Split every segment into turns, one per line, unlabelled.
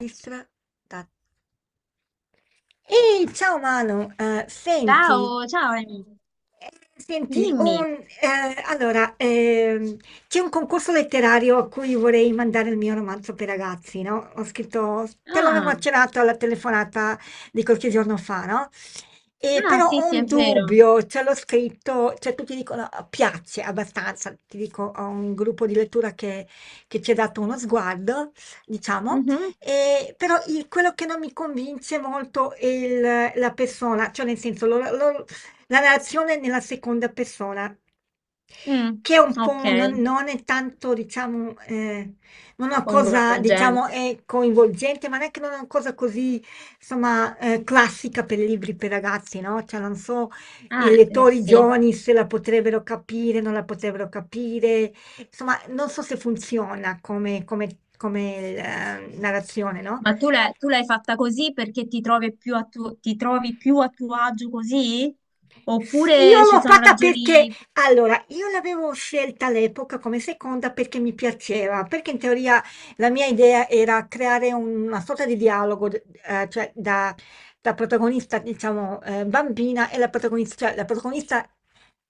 Registra. da- Ehi, ciao Manu, senti,
Ciao, ciao Amy.
eh,
Dimmi.
allora, c'è un concorso letterario a cui vorrei mandare il mio romanzo per ragazzi, no? Ho scritto, te l'avevo
Ah,
accennato alla telefonata di qualche giorno fa, no? E però
sì,
ho
sì, è
un
vero.
dubbio, ce l'ho scritto, cioè tutti dicono "Ah, piace abbastanza, ti dico, ho un gruppo di lettura che, ci ha dato uno sguardo, diciamo.
Mhm,
Però quello che non mi convince molto è la persona, cioè nel senso la narrazione nella seconda persona,
mm,
che è un
Ok,
po', non è tanto, diciamo, non è una cosa, diciamo,
coinvolgente.
è coinvolgente, ma neanche non è una cosa così, insomma, classica per i libri per ragazzi, no? Cioè, non so, i
Ah,
lettori
sì.
giovani se la potrebbero capire, non la potrebbero capire, insomma, non so se funziona come, come, narrazione, no?
Ma tu l'hai fatta così perché ti trovi più a ti trovi più a tuo agio così?
Sì, io
Oppure ci
l'ho
sono
fatta perché,
ragioni...
allora, io l'avevo scelta all'epoca come seconda perché mi piaceva, perché in teoria la mia idea era creare una sorta di dialogo, cioè da, protagonista, diciamo, bambina e la protagonista, cioè la protagonista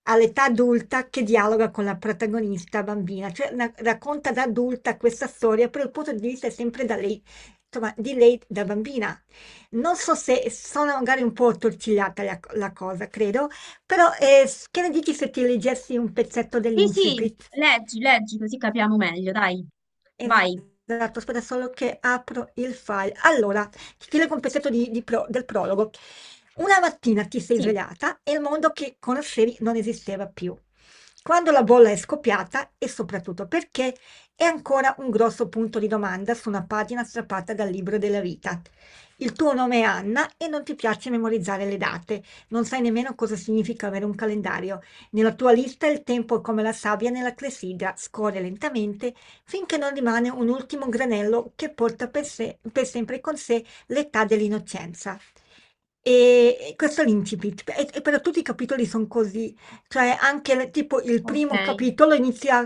all'età adulta che dialoga con la protagonista bambina, cioè racconta da adulta questa storia, però il punto di vista è sempre da lei, insomma, di lei da bambina. Non so se sono magari un po' attorcigliata la cosa, credo. Però che ne dici se ti leggessi un pezzetto
Sì, sì,
dell'incipit?
leggi, leggi, così capiamo meglio, dai. Vai.
Esatto, aspetta solo che apro il file. Allora, ti leggo un pezzetto del prologo. Una mattina ti sei
Sì,
svegliata e il mondo che conoscevi non esisteva più. Quando la bolla è scoppiata e soprattutto perché è ancora un grosso punto di domanda su una pagina strappata dal libro della vita. Il tuo nome è Anna e non ti piace memorizzare le date, non sai nemmeno cosa significa avere un calendario. Nella tua lista il tempo è come la sabbia nella clessidra, scorre lentamente finché non rimane un ultimo granello che porta per sempre con sé l'età dell'innocenza. E questo è l'incipit, e però tutti i capitoli sono così, cioè anche tipo il primo
ok.
capitolo inizia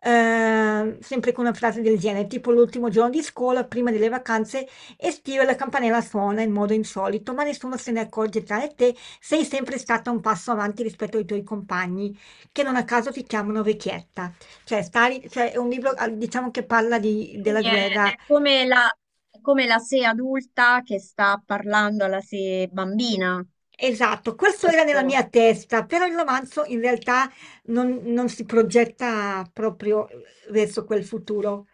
sempre con una frase del genere, tipo l'ultimo giorno di scuola, prima delle vacanze estive, la campanella suona in modo insolito, ma nessuno se ne accorge tranne te, sei sempre stata un passo avanti rispetto ai tuoi compagni, che non a caso ti chiamano vecchietta. Cioè, Stalin, cioè, è un libro, ah, diciamo, che parla della
Quindi
guerra.
è come è come la sé adulta che sta parlando alla sé bambina.
Esatto, questo era nella
Questo.
mia testa, però il romanzo in realtà non si progetta proprio verso quel futuro,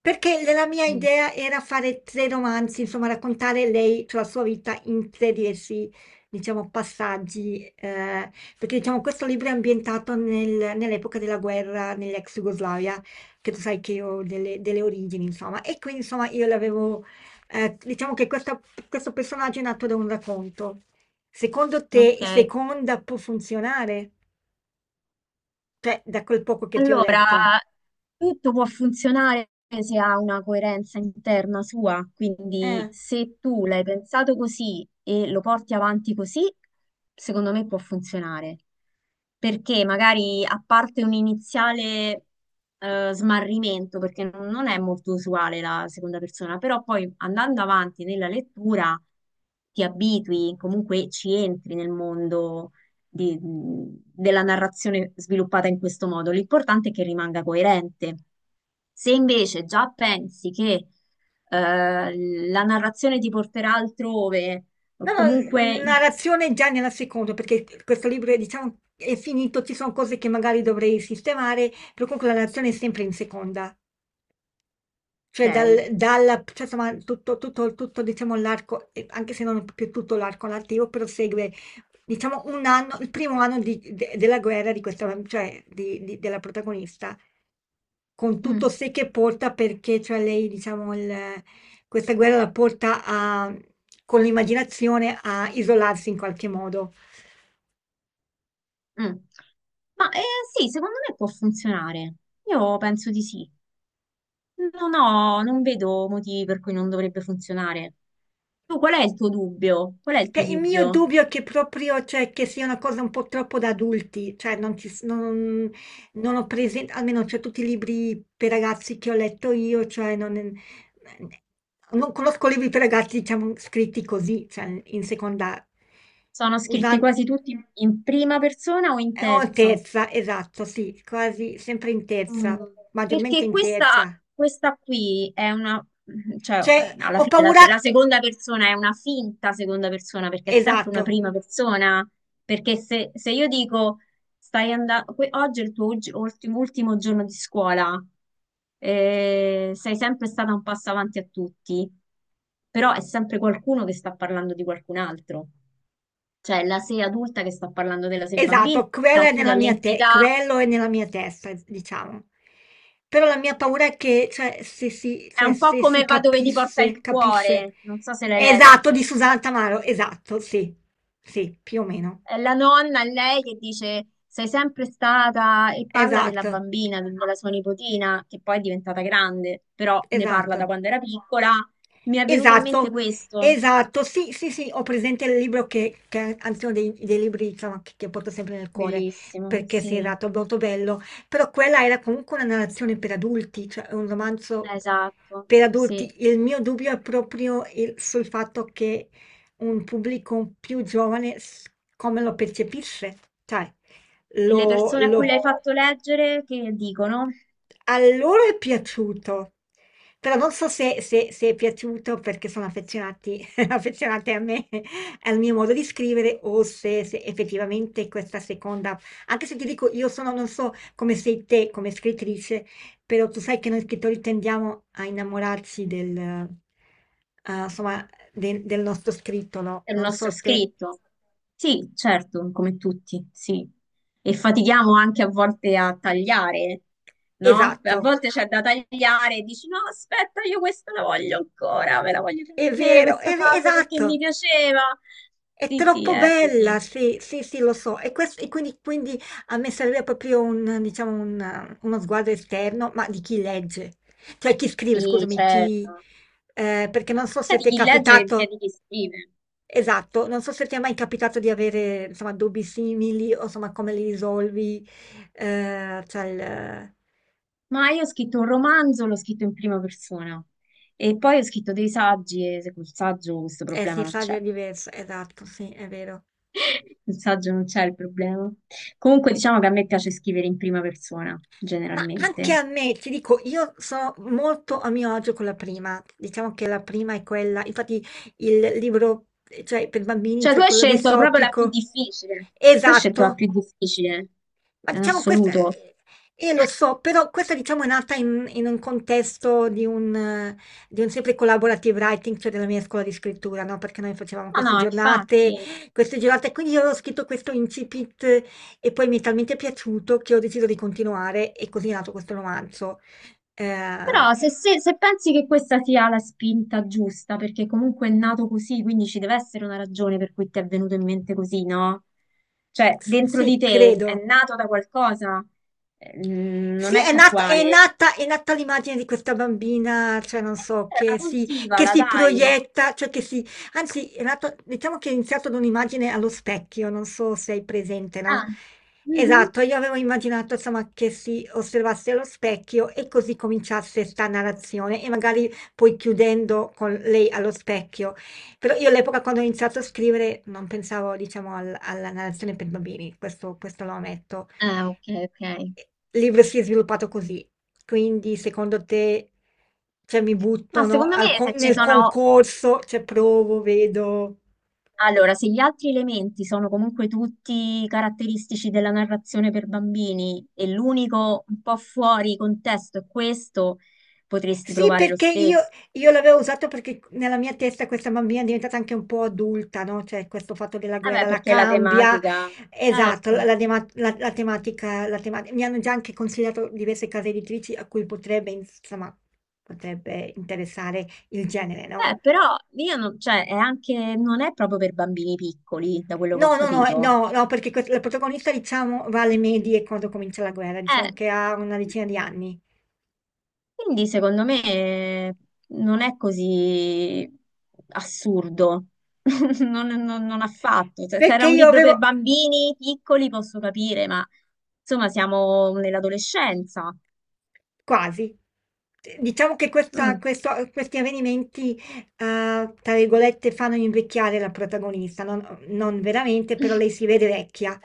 perché la mia
Mm,
idea era fare tre romanzi, insomma raccontare lei, cioè la sua vita in tre diversi, diciamo, passaggi, perché diciamo questo libro è ambientato nell'epoca della guerra nell'ex Jugoslavia, che tu sai che io ho delle origini, insomma, e quindi insomma io l'avevo, diciamo che questo personaggio è nato da un racconto. Secondo te,
Ok,
seconda può funzionare? Cioè, da quel poco che ti ho
allora
letto.
tutto può funzionare se ha una coerenza interna sua, quindi
Eh.
se tu l'hai pensato così e lo porti avanti così, secondo me può funzionare, perché magari a parte un iniziale smarrimento, perché non è molto usuale la seconda persona, però poi andando avanti nella lettura ti abitui, comunque ci entri nel mondo della narrazione sviluppata in questo modo. L'importante è che rimanga coerente. Se invece già pensi che la narrazione ti porterà altrove, o
No,
comunque...
no,
i-
narrazione già nella seconda, perché questo libro è, diciamo, è finito, ci sono cose che magari dovrei sistemare, però comunque la narrazione è sempre in seconda. Cioè,
Ok.
cioè, insomma, tutto, tutto, tutto, diciamo, l'arco, anche se non è proprio tutto l'arco narrativo, però segue, diciamo, un anno, il primo anno della guerra di questa, cioè, della protagonista. Con tutto
Mm,
sé che porta perché cioè lei diciamo questa guerra la porta a, con l'immaginazione a isolarsi in qualche modo.
mm. Ma sì, secondo me può funzionare. Io penso di sì. Non vedo motivi per cui non dovrebbe funzionare. Tu qual è il tuo dubbio? Qual è il
Che
tuo
il mio
dubbio?
dubbio è che proprio cioè, che sia una cosa un po' troppo da adulti, cioè non, non ho presente, almeno cioè, tutti i libri per ragazzi che ho letto io, cioè non, non conosco libri per ragazzi diciamo scritti così, cioè in seconda,
Sono scritti
usando.
quasi tutti in prima persona o in
O in
terza?
terza, esatto, sì, quasi sempre in
Mm.
terza, maggiormente
Perché
in terza.
questa qui è una, cioè,
Cioè,
alla
ho
fine la,
paura.
se- la seconda persona è una finta seconda persona perché è sempre
Esatto,
una prima persona. Perché se io dico stai andando, oggi è il tuo ultimo, ultimo giorno di scuola, sei sempre stata un passo avanti a tutti, però è sempre qualcuno che sta parlando di qualcun altro, cioè la sei adulta che sta parlando della sei bambina,
esatto, quello è
oppure
nella
è
mia,
l'entità.
quello è nella mia testa, diciamo. Però la mia paura è che, cioè,
È un po'
se si
come Va dove ti porta
capisse,
il
capisce.
cuore, non so se l'hai
Esatto,
letto.
di Susanna Tamaro, esatto, sì, sì, più o meno.
È la nonna, lei che dice sei sempre stata e parla della
Esatto,
bambina, della sua nipotina, che poi è diventata grande, però ne parla da
esatto.
quando era piccola. Mi è venuto in mente
Esatto,
questo.
esatto, sì, sì, sì, ho presente il libro che anzi uno dei libri diciamo, che porto sempre nel cuore,
Bellissimo,
perché sì,
sì,
esatto, è molto bello, però quella era comunque una narrazione per adulti, cioè un romanzo
esatto,
per adulti.
sì.
Il mio dubbio è proprio sul fatto che un pubblico più giovane come lo percepisce, cioè
E le
lo,
persone a cui
lo
l'hai fatto leggere che dicono?
a loro è piaciuto, però non so se, se è piaciuto perché sono affezionati, affezionate a me, al mio modo di scrivere, o se, effettivamente questa seconda, anche se ti dico io sono, non so come sei te come scrittrice, però tu sai che noi scrittori tendiamo a innamorarci insomma, del nostro scritto, no?
È il
Non
nostro
so te.
scritto. Sì, certo, come tutti, sì. E fatichiamo anche a volte a tagliare, no? A
Esatto,
volte c'è da tagliare e dici, no, aspetta, io questa la voglio ancora, me la voglio
è
tenere
vero,
questa frase perché mi
esatto.
piaceva.
È
Sì, sì,
troppo
è
bella,
così.
sì, sì, sì, lo so. E, e quindi, quindi a me serve proprio un, diciamo, uno sguardo esterno, ma di chi legge, cioè chi scrive,
Sì,
scusami, chi.
certo.
Perché non so
Sia
se
di
ti è
chi legge che sia
capitato,
di chi scrive.
esatto, non so se ti è mai capitato di avere, insomma, dubbi simili o insomma come li risolvi, cioè il.
Ma io ho scritto un romanzo, l'ho scritto in prima persona. E poi ho scritto dei saggi e col saggio questo
Eh
problema
sì,
non c'è.
sarebbe diverso, esatto, sì, è vero.
Il saggio non c'è il problema. Comunque diciamo che a me piace scrivere in prima persona,
Ma anche
generalmente.
a me, ti dico, io sono molto a mio agio con la prima. Diciamo che la prima è quella, infatti il libro, cioè per bambini,
Cioè, tu
cioè
hai
quello
scelto proprio la più
distopico.
difficile. Tu hai scelto la
Esatto,
più difficile,
ma
in
diciamo questa,
assoluto.
io lo so, però questa diciamo è nata in un contesto di un, sempre collaborative writing, cioè della mia scuola di scrittura, no? Perché noi facevamo
No,
queste
no,
giornate,
infatti.
quindi io ho scritto questo incipit, e poi mi è talmente piaciuto che ho deciso di continuare e così è nato questo romanzo. Eh,
Però se pensi che questa sia la spinta giusta, perché comunque è nato così, quindi ci deve essere una ragione per cui ti è venuto in mente così, no? Cioè, dentro di
sì,
te è
credo.
nato da qualcosa,
Sì,
non è casuale.
è nata l'immagine di questa bambina, cioè non so,
Allora,
che si,
coltivala, dai.
proietta, cioè che si, anzi, è nato, diciamo che è iniziato da un'immagine allo specchio, non so se hai presente, no?
Ah, Mhm.
Esatto, io avevo immaginato, insomma, che si osservasse allo specchio e così cominciasse sta narrazione e magari poi chiudendo con lei allo specchio. Però io all'epoca quando ho iniziato a scrivere non pensavo, diciamo, alla narrazione per bambini, questo lo ammetto.
ah, ok, ok.
Il libro si è sviluppato così. Quindi, secondo te, cioè, mi
Ma
buttano
secondo me se ci
nel
sono...
concorso, cioè provo, vedo.
Allora, se gli altri elementi sono comunque tutti caratteristici della narrazione per bambini e l'unico un po' fuori contesto è questo, potresti
Sì,
provare lo
perché
stesso.
io l'avevo usato perché nella mia testa questa bambina è diventata anche un po' adulta, no? Cioè, questo fatto della guerra
Vabbè,
la
perché la
cambia.
tematica,
Esatto,
certo.
la tematica, la tematica. Mi hanno già anche consigliato diverse case editrici a cui potrebbe, insomma, potrebbe interessare il genere, no?
Beh, però io non, cioè, è anche, non è proprio per bambini piccoli, da quello che
No,
ho
no, no,
capito.
no, no, perché la protagonista, diciamo, va alle medie quando comincia la guerra,
Eh.
diciamo che ha una decina di anni.
Quindi secondo me non è così assurdo, non affatto. Se se era
Perché
un
io
libro per
avevo.
bambini piccoli posso capire, ma insomma siamo nell'adolescenza.
Quasi. Diciamo che
Mm.
questi avvenimenti, tra virgolette, fanno invecchiare la protagonista, non, non veramente, però lei si vede vecchia.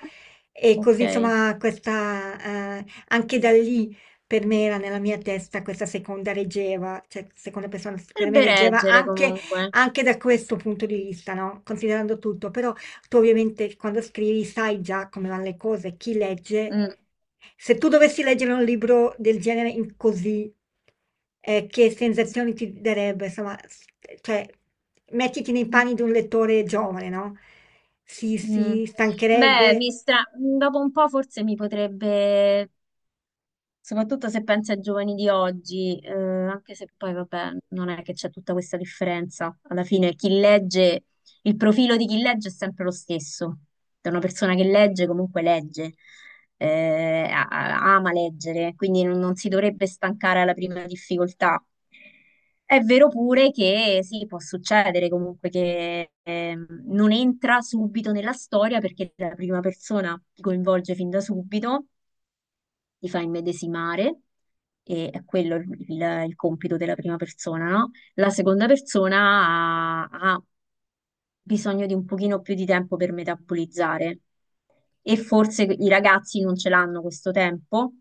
E così,
Ok,
insomma, questa, anche da lì per me era nella mia testa questa seconda reggeva, cioè seconda persona per me
potrebbe
reggeva
reggere
anche,
comunque.
anche da questo punto di vista, no? Considerando tutto, però tu ovviamente quando scrivi sai già come vanno le cose, chi legge.
Mm.
Se tu dovessi leggere un libro del genere in così, che sensazioni ti darebbe? Insomma, cioè, mettiti nei panni di un lettore giovane, no? Si,
Mm.
si
Beh,
stancherebbe.
mi stra- dopo un po' forse mi potrebbe Soprattutto se pensi ai giovani di oggi, anche se poi, vabbè, non è che c'è tutta questa differenza. Alla fine, chi legge, il profilo di chi legge è sempre lo stesso. Da una persona che legge, comunque legge, ama leggere, quindi non, non si dovrebbe stancare alla prima difficoltà. È vero pure che sì, può succedere comunque che non entra subito nella storia perché la prima persona ti coinvolge fin da subito ti fa immedesimare, e è quello il compito della prima persona, no? La seconda persona ha bisogno di un pochino più di tempo per metabolizzare e forse i ragazzi non ce l'hanno questo tempo.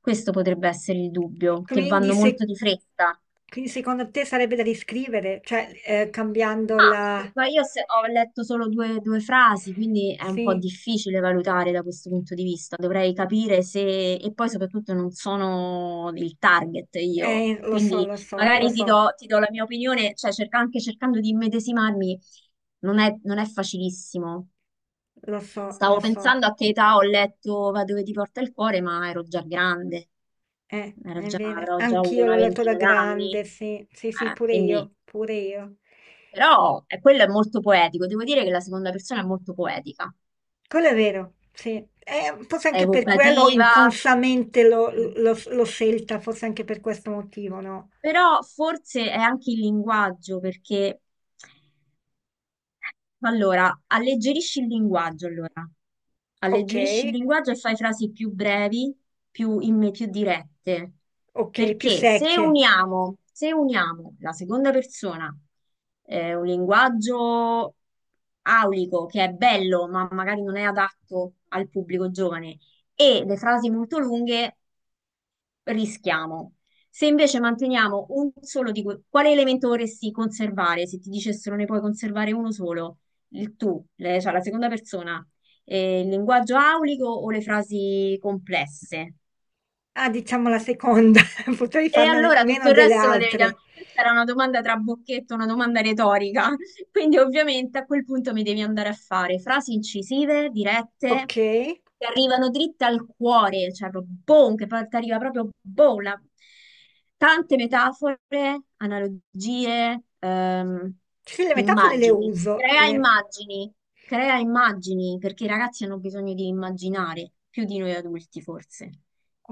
Questo potrebbe essere il dubbio, che
Quindi,
vanno
se,
molto di fretta.
quindi secondo te sarebbe da riscrivere, cioè cambiando
Ma
la.
ma io ho letto solo due, due frasi, quindi è un po'
Sì,
difficile valutare da questo punto di vista. Dovrei capire se, e poi soprattutto non sono il target io,
lo so,
quindi
lo so, lo
magari
so,
ti do la mia opinione, cioè anche cercando di immedesimarmi, non è facilissimo.
lo so,
Stavo
lo so.
pensando a che età ho letto Va dove ti porta il cuore, ma ero già grande,
È vero,
avrò già avuto
anch'io
una
l'ho letto da
ventina d'anni,
grande, sì, sì, sì, pure
quindi...
io, pure io.
Però quello è molto poetico, devo dire che la seconda persona è molto poetica,
Quello è vero, sì. Forse
è
anche per quello
evocativa,
inconsciamente
eh,
l'ho scelta, forse anche per questo motivo, no?
però forse è anche il linguaggio, perché Allora, alleggerisci il linguaggio, allora.
Ok,
Alleggerisci il linguaggio e fai frasi più brevi, più dirette.
ok, più
Perché
secche.
se uniamo la seconda persona, un linguaggio aulico che è bello, ma magari non è adatto al pubblico giovane, e le frasi molto lunghe, rischiamo. Se invece manteniamo un solo di quale elemento vorresti conservare? Se ti dicessero ne puoi conservare uno solo, il tu, cioè la seconda persona, il linguaggio aulico o le frasi complesse?
Ah, diciamo la seconda, potrei
E
farne
allora
meno
tutto il
delle
resto lo devi
altre.
cambiare. Questa era una domanda tra bocchetto, una domanda retorica. Quindi ovviamente a quel punto mi devi andare a fare frasi incisive,
Ok,
dirette,
sì,
che arrivano dritte al cuore, cioè proprio boom, che poi ti arriva proprio boom. La- Tante metafore, analogie,
sì, le metafore le
immagini.
uso,
Crea immagini, crea immagini, perché i ragazzi hanno bisogno di immaginare, più di noi adulti forse.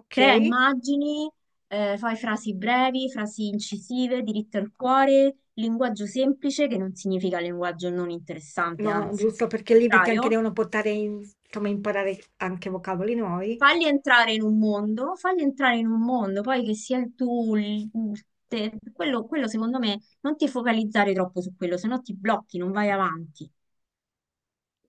ok,
Crea immagini fai frasi brevi, frasi incisive, diritte al cuore, linguaggio semplice, che non significa linguaggio non interessante,
no,
anzi,
giusto
al
perché i libri ti anche
contrario.
devono portare, insomma, imparare anche vocaboli nuovi.
Fagli entrare in un mondo, fagli entrare in un mondo, poi che sia il tuo, quello, quello secondo me non ti focalizzare troppo su quello, se no ti blocchi, non vai avanti.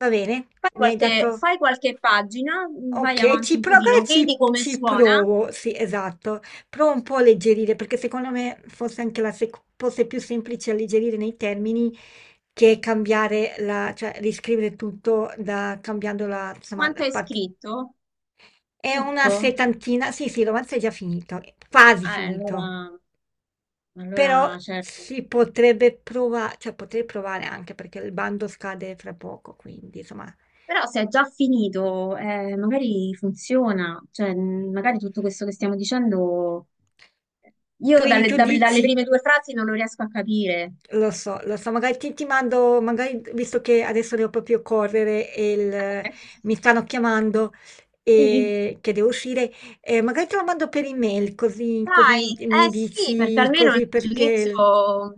Va bene, mi hai dato.
Fai qualche pagina, vai
Ok,
avanti
ci
un
provo,
pochino,
allora
vedi come
ci
suona,
provo, sì, esatto. Provo un po' a alleggerire, perché secondo me fosse anche fosse più semplice alleggerire nei termini che cambiare la, cioè riscrivere tutto da, cambiando la, insomma,
quanto
la
hai
parte.
scritto,
È una
tutto.
settantina, sì, sì, il romanzo è già finito, è quasi finito,
Allora,
però
allora certo.
si potrebbe provare, cioè potrei provare anche perché il bando scade fra poco, quindi insomma.
Però se è già finito, magari funziona, cioè magari tutto questo che stiamo dicendo, io
Quindi tu
dalle
dici.
prime due frasi non lo riesco a capire.
Lo so, magari ti mando, magari visto che adesso devo proprio correre e mi stanno chiamando
Sì.
e che devo uscire, magari te lo mando per email così, così
Dai,
mi
eh sì, perché
dici
almeno
così
il
perché.
giudizio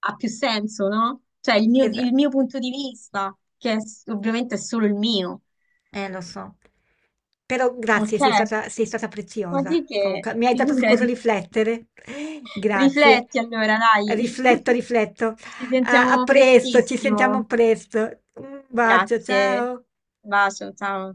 ha più senso, no? Cioè
es-
il mio punto di vista, che è s- ovviamente è solo il mio.
lo so. Però grazie,
Ok,
sei stata
ma
preziosa.
di che?
Comunque, mi hai dato su cosa
Figurati.
riflettere. Grazie.
Rifletti allora, dai.
Rifletto, rifletto.
Ci
A
sentiamo
presto, ci sentiamo
prestissimo.
presto. Un bacio,
Grazie.
ciao.
Bacio, ciao.